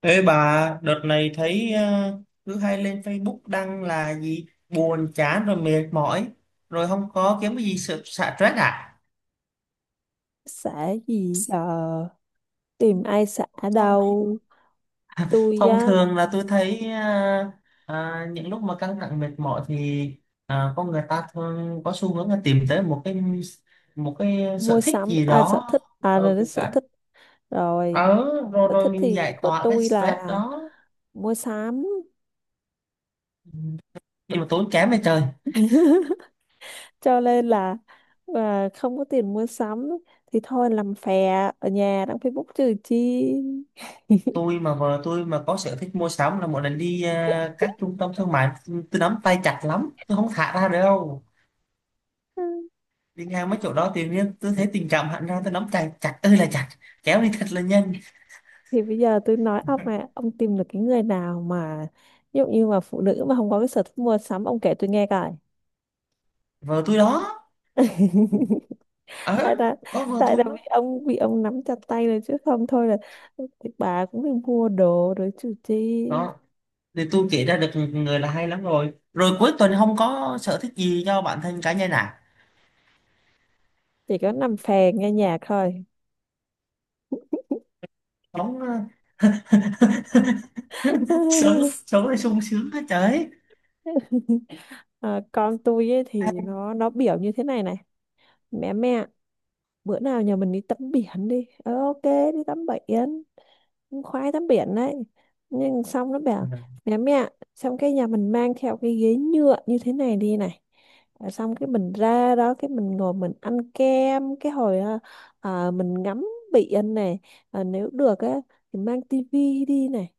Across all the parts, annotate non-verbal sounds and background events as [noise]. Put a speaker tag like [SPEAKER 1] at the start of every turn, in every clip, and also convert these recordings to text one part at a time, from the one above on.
[SPEAKER 1] Ê bà, đợt này thấy cứ hay lên Facebook đăng là gì buồn chán rồi mệt mỏi rồi không có kiếm cái gì sự xả stress à?
[SPEAKER 2] Xã gì giờ, tìm ai xã, đâu tôi
[SPEAKER 1] Thông
[SPEAKER 2] á.
[SPEAKER 1] thường là tôi thấy những lúc mà căng thẳng mệt mỏi thì con người ta thường có xu hướng là tìm tới một cái
[SPEAKER 2] Mua
[SPEAKER 1] sở thích
[SPEAKER 2] sắm
[SPEAKER 1] gì
[SPEAKER 2] à, sở
[SPEAKER 1] đó.
[SPEAKER 2] thích à, là
[SPEAKER 1] Ở
[SPEAKER 2] đến
[SPEAKER 1] cái
[SPEAKER 2] sở thích rồi.
[SPEAKER 1] ở Rồi
[SPEAKER 2] Sở thích
[SPEAKER 1] rồi mình
[SPEAKER 2] thì
[SPEAKER 1] giải
[SPEAKER 2] của
[SPEAKER 1] tỏa cái
[SPEAKER 2] tôi
[SPEAKER 1] stress
[SPEAKER 2] là
[SPEAKER 1] đó.
[SPEAKER 2] mua sắm.
[SPEAKER 1] Nhưng mà tốn kém vậy trời.
[SPEAKER 2] [laughs] Cho nên là, không có tiền mua sắm thì thôi làm phè, ở nhà đăng Facebook trừ chi. [laughs]
[SPEAKER 1] Tôi mà Vợ tôi mà có sở thích mua sắm là mỗi lần đi các trung tâm thương mại, tôi nắm tay chặt lắm, tôi không thả ra được đâu. Đi ngang mấy chỗ đó tự nhiên tôi thấy tình cảm hẳn ra, tôi nắm tay chặt ơi là chặt, kéo đi thật là nhanh.
[SPEAKER 2] Thì bây giờ tôi nói ông, mà ông tìm được cái người nào mà, ví dụ như mà phụ nữ mà không có cái sở thích mua sắm, ông kể tôi nghe coi.
[SPEAKER 1] Vợ tôi đó.
[SPEAKER 2] [laughs] tại
[SPEAKER 1] Ờ.
[SPEAKER 2] là
[SPEAKER 1] Có vợ
[SPEAKER 2] tại
[SPEAKER 1] tôi
[SPEAKER 2] là
[SPEAKER 1] đó.
[SPEAKER 2] vì ông bị, ông nắm chặt tay rồi chứ không thôi là thì bà cũng đi mua đồ rồi chứ chi.
[SPEAKER 1] Đó, thì tôi kể ra được người là hay lắm. Rồi Rồi cuối tuần không có sở thích gì cho bản thân cá nhân à?
[SPEAKER 2] Chỉ có nằm phè nghe nhạc thôi.
[SPEAKER 1] Sống [laughs] sống,
[SPEAKER 2] [laughs]
[SPEAKER 1] sống là sung sướng hết trời.
[SPEAKER 2] Con tôi ấy thì nó biểu như thế này này: mẹ, mẹ, bữa nào nhà mình đi tắm biển đi, ok, đi tắm biển, khoái tắm biển đấy. Nhưng xong nó
[SPEAKER 1] Ừ.
[SPEAKER 2] bảo: mẹ, mẹ, xong cái nhà mình mang theo cái ghế nhựa như thế này đi này. Xong cái mình ra đó, cái mình ngồi mình ăn kem cái hồi mình ngắm biển này. Nếu được á thì mang tivi đi này.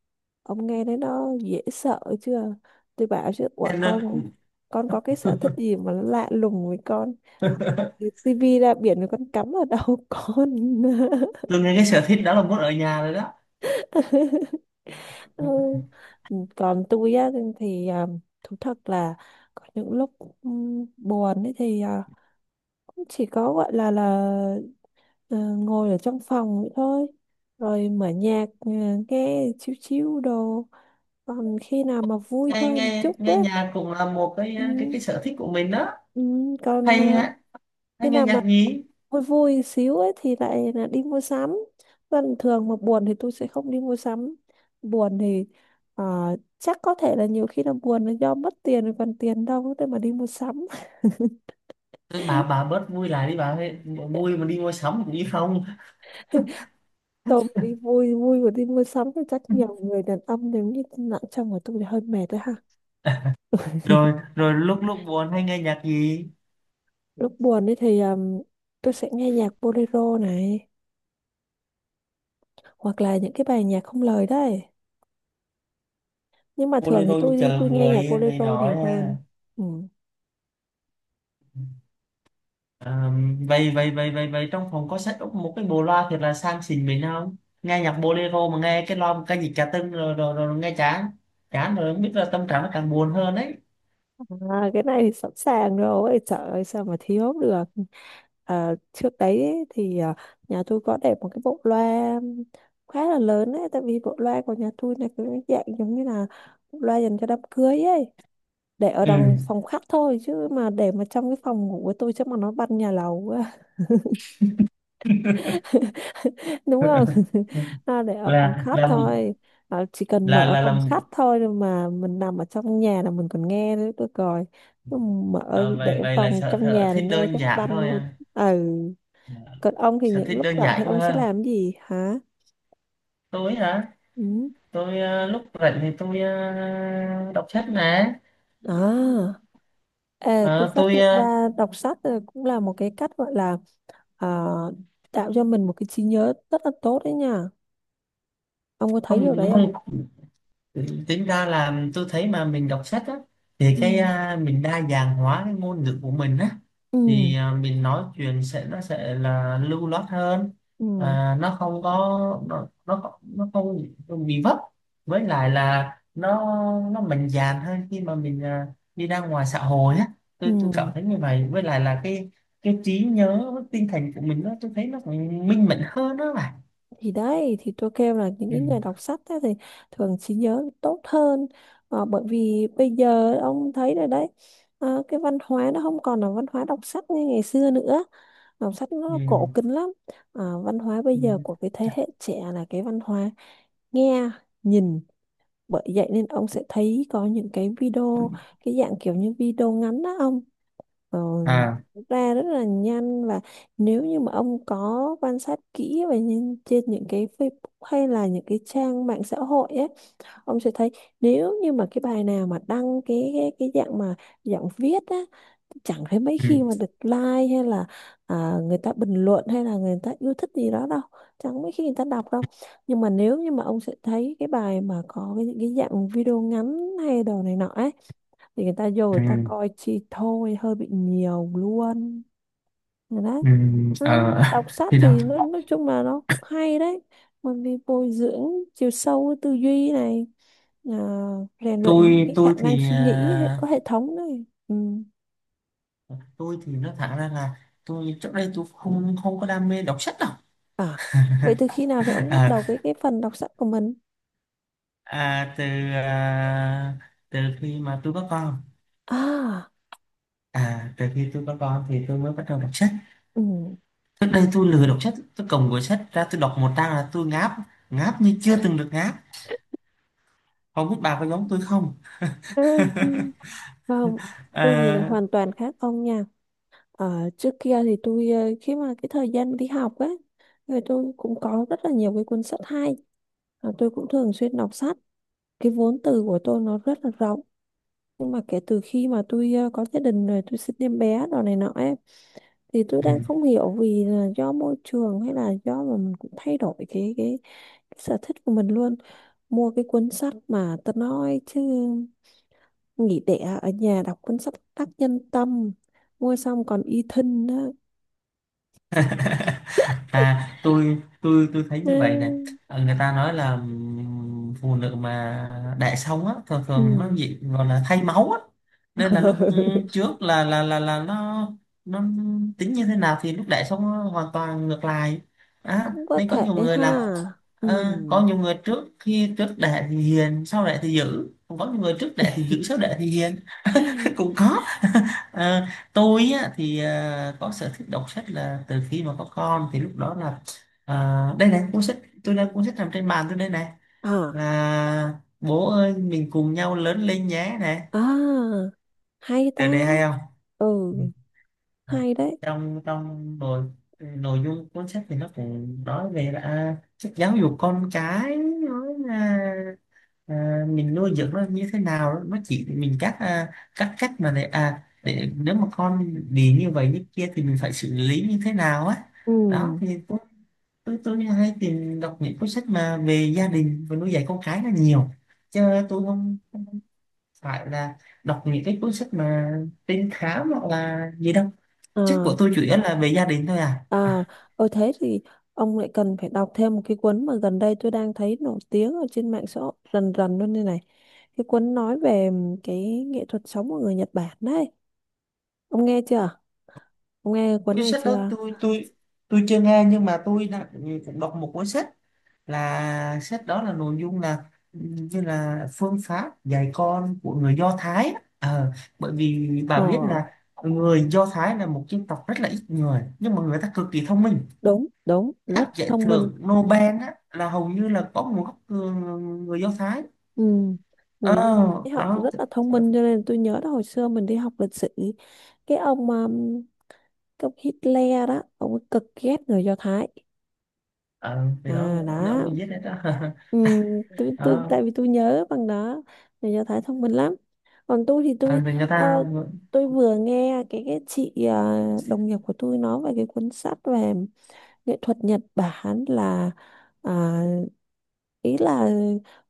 [SPEAKER 2] Ông nghe thấy nó dễ sợ chưa? Tôi bảo chứ: ủa
[SPEAKER 1] Nên, ờ,
[SPEAKER 2] con có cái sở thích gì mà nó lạ lùng với con,
[SPEAKER 1] [laughs]
[SPEAKER 2] tivi ra biển rồi con cắm ở đầu con?
[SPEAKER 1] tôi nghe cái sở thích đó là muốn ở nhà rồi đó.
[SPEAKER 2] [laughs]
[SPEAKER 1] Ừ.
[SPEAKER 2] Ừ. Còn tôi á thì thú thật là có những lúc buồn ấy thì cũng chỉ có gọi là ngồi ở trong phòng vậy thôi, rồi mở nhạc, nghe chiếu chiếu đồ. Còn khi nào mà vui
[SPEAKER 1] nghe
[SPEAKER 2] hơn
[SPEAKER 1] nghe
[SPEAKER 2] một chút á,
[SPEAKER 1] Nghe nhạc cũng là một
[SPEAKER 2] ừm,
[SPEAKER 1] cái sở thích của mình đó.
[SPEAKER 2] còn
[SPEAKER 1] Hay á, hay
[SPEAKER 2] khi
[SPEAKER 1] nghe
[SPEAKER 2] nào mà
[SPEAKER 1] nhạc nhí.
[SPEAKER 2] vui vui xíu ấy thì lại là đi mua sắm. Còn thường mà buồn thì tôi sẽ không đi mua sắm. Buồn thì, ờ, chắc có thể là nhiều khi là buồn là do mất tiền, rồi còn tiền đâu để mà đi mua sắm. [laughs]
[SPEAKER 1] Tôi Bà bớt vui lại đi bà ơi. Vui mà đi mua sắm cũng đi không?
[SPEAKER 2] Tôi mà đi vui vui mà đi mua sắm thì chắc nhiều người đàn ông nếu như nặng trong của tôi thì hơi mệt đấy ha.
[SPEAKER 1] Rồi rồi Lúc lúc buồn hay nghe nhạc gì?
[SPEAKER 2] Lúc buồn ấy thì, tôi sẽ nghe nhạc bolero này, hoặc là những cái bài nhạc không lời đấy. Nhưng mà thường thì
[SPEAKER 1] Bolero như
[SPEAKER 2] tôi
[SPEAKER 1] chờ
[SPEAKER 2] tôi nghe nhạc
[SPEAKER 1] người này
[SPEAKER 2] bolero nhiều
[SPEAKER 1] nói
[SPEAKER 2] hơn.
[SPEAKER 1] ha?
[SPEAKER 2] Ừ.
[SPEAKER 1] À, vậy vậy vậy vậy vậy trong phòng có set up một cái bộ loa thiệt là sang xịn mình không? Nghe nhạc bolero mà nghe cái loa một cái gì cả tưng rồi, rồi rồi nghe chán, chán rồi không biết là tâm trạng nó càng buồn hơn đấy.
[SPEAKER 2] À, cái này thì sẵn sàng rồi, trời ơi sao mà thiếu được. À, trước đấy ấy, thì nhà tôi có để một cái bộ loa khá là lớn đấy, tại vì bộ loa của nhà tôi là cái dạng giống như là bộ loa dành cho đám cưới ấy, để ở
[SPEAKER 1] Ừ.
[SPEAKER 2] trong phòng khách thôi, chứ mà để mà trong cái phòng ngủ của tôi chắc mà nó bắn nhà lầu, đúng không? [laughs] Để ở phòng
[SPEAKER 1] là
[SPEAKER 2] khách
[SPEAKER 1] là
[SPEAKER 2] thôi, chỉ cần mở
[SPEAKER 1] là
[SPEAKER 2] phòng
[SPEAKER 1] Làm.
[SPEAKER 2] khách thôi rồi mà mình nằm ở trong nhà là mình còn nghe nữa tôi coi. Chứ mở
[SPEAKER 1] À, vậy
[SPEAKER 2] để
[SPEAKER 1] vậy là
[SPEAKER 2] phòng trong
[SPEAKER 1] sở
[SPEAKER 2] nhà là
[SPEAKER 1] thích
[SPEAKER 2] nghe
[SPEAKER 1] đơn
[SPEAKER 2] chắc
[SPEAKER 1] giản
[SPEAKER 2] banh
[SPEAKER 1] thôi
[SPEAKER 2] luôn.
[SPEAKER 1] à.
[SPEAKER 2] Ừ.
[SPEAKER 1] À,
[SPEAKER 2] Còn ông thì
[SPEAKER 1] sở
[SPEAKER 2] những
[SPEAKER 1] thích
[SPEAKER 2] lúc
[SPEAKER 1] đơn
[SPEAKER 2] rảnh thì
[SPEAKER 1] giản quá
[SPEAKER 2] ông sẽ
[SPEAKER 1] ha.
[SPEAKER 2] làm gì hả?
[SPEAKER 1] Tôi hả?
[SPEAKER 2] Ừ.
[SPEAKER 1] Tôi lúc rảnh thì tôi đọc sách nè.
[SPEAKER 2] à Ê, tôi
[SPEAKER 1] Ờ,
[SPEAKER 2] phát
[SPEAKER 1] tôi
[SPEAKER 2] hiện
[SPEAKER 1] ờ,
[SPEAKER 2] ra đọc sách là cũng là một cái cách gọi là, à, tạo cho mình một cái trí nhớ rất là tốt đấy nha. Ông có thấy
[SPEAKER 1] không,
[SPEAKER 2] điều đấy không?
[SPEAKER 1] không. Ừ, tính ra là tôi thấy mà mình đọc sách á, thì
[SPEAKER 2] Ừ.
[SPEAKER 1] à, mình đa dạng hóa cái ngôn ngữ của mình á,
[SPEAKER 2] Ừ,
[SPEAKER 1] thì à, mình nói chuyện sẽ sẽ là lưu loát hơn.
[SPEAKER 2] ừ,
[SPEAKER 1] À, nó không có, nó không bị vấp. Với lại là nó mạnh dạn hơn khi mà mình à, đi ra ngoài xã hội á. Tôi cảm
[SPEAKER 2] ừ,
[SPEAKER 1] thấy như vậy. Với lại là cái trí nhớ với tinh thần của mình, tôi thấy nó cũng minh mẫn hơn đó mà.
[SPEAKER 2] thì đấy thì tôi kêu là những
[SPEAKER 1] Ừ.
[SPEAKER 2] cái người đọc sách á thì thường trí nhớ tốt hơn. Bởi vì bây giờ ông thấy rồi đấy, cái văn hóa nó không còn là văn hóa đọc sách như ngày xưa nữa, đọc sách
[SPEAKER 1] Ừ.
[SPEAKER 2] nó cổ kính lắm. Văn hóa bây
[SPEAKER 1] Ừ.
[SPEAKER 2] giờ của cái thế hệ trẻ là cái văn hóa nghe, nhìn. Bởi vậy nên ông sẽ thấy có những cái video, cái dạng kiểu như video ngắn đó ông, ờ,
[SPEAKER 1] À.
[SPEAKER 2] ra rất là nhanh. Và nếu như mà ông có quan sát kỹ và nhìn trên những cái Facebook hay là những cái trang mạng xã hội ấy, ông sẽ thấy nếu như mà cái bài nào mà đăng cái dạng viết á, chẳng thấy mấy
[SPEAKER 1] Ừ.
[SPEAKER 2] khi mà được like hay là, người ta bình luận hay là người ta yêu thích gì đó đâu, chẳng mấy khi người ta đọc đâu. Nhưng mà nếu như mà ông sẽ thấy cái bài mà có những cái dạng video ngắn hay đồ này nọ ấy thì người ta vô người
[SPEAKER 1] Ừ.
[SPEAKER 2] ta coi chi thôi, hơi bị nhiều luôn. Rồi đấy. Nó
[SPEAKER 1] Ờ,
[SPEAKER 2] đọc
[SPEAKER 1] [laughs]
[SPEAKER 2] sách
[SPEAKER 1] thì đó.
[SPEAKER 2] thì nó, nói chung là nó cũng hay đấy, bởi vì bồi dưỡng chiều sâu tư duy này, à, rèn luyện những
[SPEAKER 1] tôi
[SPEAKER 2] cái khả
[SPEAKER 1] tôi
[SPEAKER 2] năng
[SPEAKER 1] thì
[SPEAKER 2] suy nghĩ
[SPEAKER 1] à,
[SPEAKER 2] có hệ thống này. Ừ.
[SPEAKER 1] tôi thì nói thẳng ra là tôi trước đây tôi không, không có đam mê đọc sách đâu.
[SPEAKER 2] à Vậy từ khi
[SPEAKER 1] [laughs]
[SPEAKER 2] nào thì ông bắt đầu cái
[SPEAKER 1] À,
[SPEAKER 2] cái phần đọc sách của mình?
[SPEAKER 1] à, từ à, từ khi mà tôi có con.
[SPEAKER 2] À.
[SPEAKER 1] À, từ khi tôi có con thì tôi mới bắt đầu đọc sách.
[SPEAKER 2] Ừ.
[SPEAKER 1] Trước đây tôi lười đọc sách, tôi cầm cuốn sách ra tôi đọc một trang là tôi ngáp, ngáp như chưa từng được ngáp. Không biết bà có giống tôi không?
[SPEAKER 2] [laughs] Ừ.
[SPEAKER 1] [laughs]
[SPEAKER 2] Không, tôi thì lại
[SPEAKER 1] À,
[SPEAKER 2] hoàn toàn khác ông nha. Ờ, trước kia thì khi mà cái thời gian đi học ấy, người tôi cũng có rất là nhiều cái cuốn sách hay, và tôi cũng thường xuyên đọc sách, cái vốn từ của tôi nó rất là rộng. Nhưng mà kể từ khi mà tôi, có gia đình rồi tôi sinh em bé đồ này nọ ấy, thì tôi
[SPEAKER 1] ừ.
[SPEAKER 2] đang không hiểu vì là do môi trường hay là do mà mình cũng thay đổi cái cái sở thích của mình luôn. Mua cái cuốn sách mà tao nói chứ, nghỉ đẻ ở nhà đọc cuốn sách tác nhân tâm, mua xong còn y thân đó.
[SPEAKER 1] [laughs] À, tôi, tôi thấy như vậy nè.
[SPEAKER 2] Ừ.
[SPEAKER 1] Ờ, người ta nói là phụ nữ mà đẻ xong á thường
[SPEAKER 2] Ừ.
[SPEAKER 1] thường nó gì gọi là thay máu á. Nên là lúc
[SPEAKER 2] [laughs]
[SPEAKER 1] trước là nó tính như thế nào thì lúc đẻ xong nó hoàn toàn ngược lại á.
[SPEAKER 2] Cũng có
[SPEAKER 1] Nên có nhiều
[SPEAKER 2] thể
[SPEAKER 1] người
[SPEAKER 2] ha.
[SPEAKER 1] là ờ, có
[SPEAKER 2] Ừm.
[SPEAKER 1] nhiều người trước khi trước đẻ thì hiền sau đẻ thì dữ, còn có nhiều người trước đẻ thì dữ
[SPEAKER 2] [laughs]
[SPEAKER 1] sau đẻ thì hiền. [laughs] Cũng có. [laughs] Ờ, tôi á, thì ờ, có sở thích đọc sách là từ khi mà có con, thì lúc đó là ờ, đây này cuốn sách. Tôi đang Cuốn sách nằm trên bàn tôi đây này,
[SPEAKER 2] À,
[SPEAKER 1] là "Bố ơi mình cùng nhau lớn lên nhé" này.
[SPEAKER 2] à, hay ta.
[SPEAKER 1] Trời đề hay không?
[SPEAKER 2] Ừ,
[SPEAKER 1] Ừ. À,
[SPEAKER 2] hay đấy.
[SPEAKER 1] trong trong nội nội dung cuốn sách thì nó cũng nói về là sách giáo dục con cái, nói là à, mình nuôi dưỡng nó như thế nào đó. Nó chỉ mình các à, các cách mà để à để nếu mà con bị như vậy như kia thì mình phải xử lý như thế nào á. Đó
[SPEAKER 2] Ừ.
[SPEAKER 1] thì tôi hay tìm đọc những cuốn sách mà về gia đình và nuôi dạy con cái là nhiều, chứ tôi không phải là đọc những cái cuốn sách mà trinh thám hoặc là gì đâu. Sách của
[SPEAKER 2] À,
[SPEAKER 1] tôi chủ yếu là về gia đình thôi à.
[SPEAKER 2] à. Thế thì ông lại cần phải đọc thêm một cái cuốn mà gần đây tôi đang thấy nổi tiếng ở trên mạng xã hội rần rần luôn đây này, cái cuốn nói về cái nghệ thuật sống của người Nhật Bản đấy. Ông nghe chưa? Ông nghe cuốn
[SPEAKER 1] Cái
[SPEAKER 2] này
[SPEAKER 1] sách đó
[SPEAKER 2] chưa?
[SPEAKER 1] tôi chưa nghe, nhưng mà tôi đã cũng đọc một cuốn sách, là sách đó là nội dung là như là phương pháp dạy con của người Do Thái á. Ờ, bởi vì
[SPEAKER 2] ờ
[SPEAKER 1] bà biết là người Do Thái là một dân tộc rất là ít người nhưng mà người ta cực kỳ thông minh.
[SPEAKER 2] Đúng, đúng, rất
[SPEAKER 1] Các giải
[SPEAKER 2] thông minh.
[SPEAKER 1] thưởng Nobel á, là hầu như là có nguồn gốc người, người Do Thái.
[SPEAKER 2] Ừ.
[SPEAKER 1] Ờ,
[SPEAKER 2] Người ấy họ
[SPEAKER 1] đó.
[SPEAKER 2] rất là thông minh, cho nên tôi nhớ là hồi xưa mình đi học lịch sử, cái ông um, cái ông Hitler đó ông ấy cực ghét người Do Thái.
[SPEAKER 1] Ờ, thì đó,
[SPEAKER 2] À,
[SPEAKER 1] ông
[SPEAKER 2] đó.
[SPEAKER 1] ấy viết đấy đó. [laughs]
[SPEAKER 2] Ừ,
[SPEAKER 1] Đó.
[SPEAKER 2] tại vì tôi nhớ bằng đó, người Do Thái thông minh lắm. Còn tôi thì
[SPEAKER 1] Ờ, thì người ta
[SPEAKER 2] ờ, tôi vừa nghe cái chị, đồng nghiệp của tôi nói về cái cuốn sách về nghệ thuật Nhật Bản, à, ý là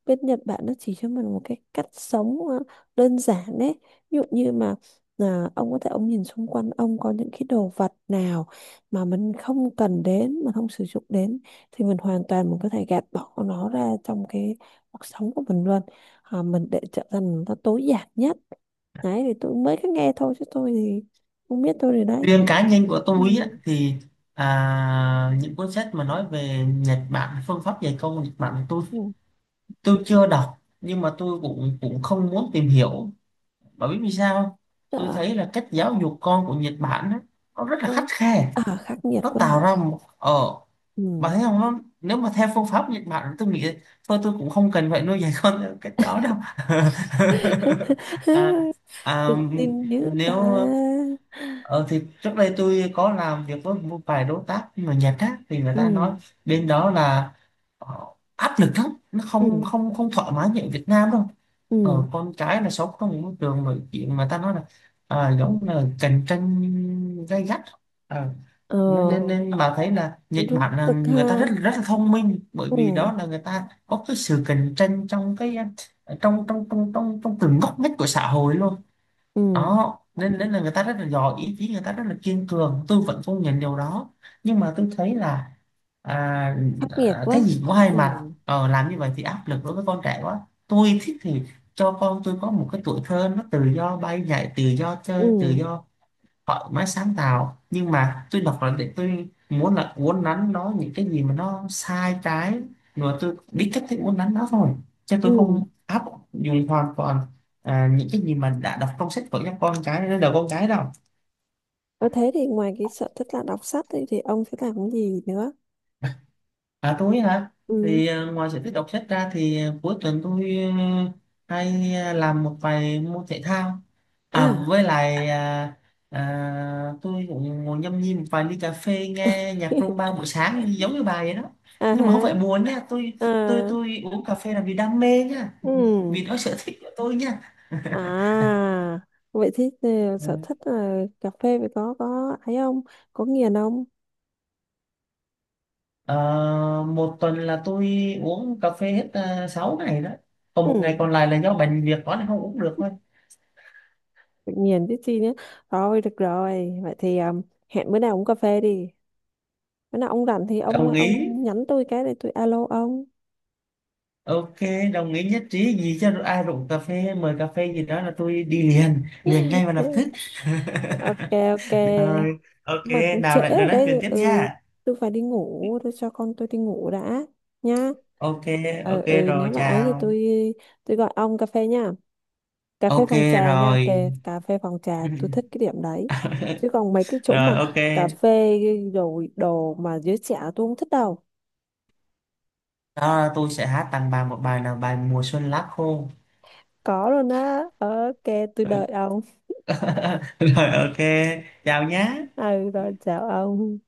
[SPEAKER 2] bên Nhật Bản nó chỉ cho mình một cái cách sống, đơn giản đấy. Ví dụ như mà, ông có thể ông nhìn xung quanh ông có những cái đồ vật nào mà mình không cần đến, mình không sử dụng đến thì mình hoàn toàn mình có thể gạt bỏ nó ra trong cái cuộc sống của mình luôn. Mình để trở thành nó tối giản nhất đấy thì tôi mới có nghe thôi, chứ tôi thì không biết tôi rồi đấy.
[SPEAKER 1] riêng cá nhân của
[SPEAKER 2] Ừ.
[SPEAKER 1] tôi á, thì à, những cuốn sách mà nói về Nhật Bản, phương pháp dạy công Nhật Bản,
[SPEAKER 2] Ừ.
[SPEAKER 1] tôi chưa đọc nhưng mà tôi cũng, cũng không muốn tìm hiểu. Bởi vì vì sao không? Tôi
[SPEAKER 2] Ờ.
[SPEAKER 1] thấy là cách giáo dục con của Nhật Bản á, nó rất là khắt
[SPEAKER 2] Ờ.
[SPEAKER 1] khe.
[SPEAKER 2] À, khắc nghiệt
[SPEAKER 1] Nó
[SPEAKER 2] quá hả?
[SPEAKER 1] tạo ra một ờ, bà
[SPEAKER 2] Ừ.
[SPEAKER 1] thấy không nó, nếu mà theo phương pháp Nhật Bản tôi nghĩ thôi tôi cũng không cần phải nuôi dạy [laughs] con theo cách đó đâu.
[SPEAKER 2] [laughs]
[SPEAKER 1] [laughs] À,
[SPEAKER 2] Tự
[SPEAKER 1] à,
[SPEAKER 2] tin dữ ta.
[SPEAKER 1] nếu. Ờ, thì trước đây tôi có làm việc với một vài đối tác mà nhật khác thì người
[SPEAKER 2] Ừ,
[SPEAKER 1] ta nói bên đó là ờ, áp lực lắm. Nó không,
[SPEAKER 2] ừ,
[SPEAKER 1] không thoải mái như ở Việt Nam đâu. Ờ,
[SPEAKER 2] ừ.
[SPEAKER 1] con cái là sống trong một môi trường mà chuyện mà ta nói là à, giống là cạnh tranh gay gắt. Ờ, nên,
[SPEAKER 2] ờ
[SPEAKER 1] nên bà thấy là Nhật
[SPEAKER 2] Rút
[SPEAKER 1] Bản là
[SPEAKER 2] cực ha.
[SPEAKER 1] người ta rất rất là thông minh, bởi vì
[SPEAKER 2] Ừ,
[SPEAKER 1] đó là người ta có cái sự cạnh tranh trong cái ờ, trong trong trong trong trong từng ngóc ngách của xã hội luôn.
[SPEAKER 2] ừ.
[SPEAKER 1] Đó nên nên là người ta rất là giỏi, ý chí người ta rất là kiên cường, tôi vẫn công nhận điều đó. Nhưng mà tôi thấy là à,
[SPEAKER 2] Khắc nghiệt
[SPEAKER 1] à, cái
[SPEAKER 2] quá.
[SPEAKER 1] gì cũng có hai
[SPEAKER 2] Ừ,
[SPEAKER 1] mặt. Ờ, làm như vậy thì áp lực đối với con trẻ quá. Tôi thích thì cho con tôi có một cái tuổi thơ nó tự do bay nhảy, tự do chơi tự
[SPEAKER 2] ừ,
[SPEAKER 1] do, họ mới sáng tạo. Nhưng mà tôi đọc là để tôi muốn là uốn nắn nó những cái gì mà nó sai trái, rồi tôi biết cách thức uốn nắn nó thôi, chứ
[SPEAKER 2] ừ.
[SPEAKER 1] tôi không áp dụng hoàn toàn à, những cái gì mà đã đọc trong sách vở cho con cái đến đầu con cái đâu.
[SPEAKER 2] Và thế thì ngoài cái sở thích là đọc sách thì, ông sẽ làm cái gì nữa?
[SPEAKER 1] À tôi hả?
[SPEAKER 2] Ừ.
[SPEAKER 1] Thì ờ, ngoài sở thích đọc sách ra thì ờ, cuối tuần tôi ờ, hay ờ, làm một vài môn thể thao. À
[SPEAKER 2] À.
[SPEAKER 1] với lại à, à, tôi cũng ngồi nhâm nhi một vài ly cà phê nghe nhạc
[SPEAKER 2] [laughs]
[SPEAKER 1] rumba buổi sáng giống như bà vậy đó.
[SPEAKER 2] À
[SPEAKER 1] Nhưng mà
[SPEAKER 2] hả?
[SPEAKER 1] không phải buồn nha,
[SPEAKER 2] À.
[SPEAKER 1] tôi uống cà phê là vì đam mê nha,
[SPEAKER 2] Ừ.
[SPEAKER 1] vì đó sở thích của tôi nha.
[SPEAKER 2] À, vậy thì, sở
[SPEAKER 1] Ừ.
[SPEAKER 2] thích là cà phê phải có ấy không? Có nghiền không?
[SPEAKER 1] Ờ, một tuần là tôi uống cà phê hết 6 ngày đó. Còn một
[SPEAKER 2] Ừ.
[SPEAKER 1] ngày còn lại là do bệnh việc đó nên không uống được thôi.
[SPEAKER 2] Tự nhiên tí chi nhé. Thôi được rồi, vậy thì, hẹn bữa nào uống cà phê đi. Bữa nào ông rảnh thì ông
[SPEAKER 1] Đồng ý.
[SPEAKER 2] ông nhắn tôi cái để tôi alo ông.
[SPEAKER 1] Ok, đồng ý nhất trí, gì cho ai rủ cà phê mời cà phê gì đó là tôi đi liền liền ngay và lập tức.
[SPEAKER 2] Thế- ok, ok,
[SPEAKER 1] Rồi ok,
[SPEAKER 2] mà cũng trễ
[SPEAKER 1] nào lại rồi
[SPEAKER 2] rồi
[SPEAKER 1] nói chuyện
[SPEAKER 2] đấy.
[SPEAKER 1] tiếp
[SPEAKER 2] Ừ,
[SPEAKER 1] nha.
[SPEAKER 2] tôi phải đi ngủ, tôi cho con tôi đi ngủ đã nhá.
[SPEAKER 1] Ok
[SPEAKER 2] Ừ,
[SPEAKER 1] ok.
[SPEAKER 2] ừ,
[SPEAKER 1] Rồi
[SPEAKER 2] nếu mà ấy thì
[SPEAKER 1] chào.
[SPEAKER 2] tôi gọi ông cà phê nha. Cà phê
[SPEAKER 1] Ok
[SPEAKER 2] phòng trà nha,
[SPEAKER 1] rồi.
[SPEAKER 2] kề cà phê phòng trà tôi
[SPEAKER 1] [laughs]
[SPEAKER 2] thích cái điểm đấy. Chứ còn mấy cái chỗ
[SPEAKER 1] Rồi
[SPEAKER 2] mà
[SPEAKER 1] ok.
[SPEAKER 2] cà phê rồi đồ mà giới trẻ tôi không thích đâu.
[SPEAKER 1] Đó là tôi sẽ hát tặng bà một bài, là bài "Mùa xuân lá khô".
[SPEAKER 2] Có luôn á? Ok, tôi
[SPEAKER 1] [laughs]
[SPEAKER 2] đợi ông.
[SPEAKER 1] Rồi ok, chào nhé.
[SPEAKER 2] Ừ, rồi chào ông.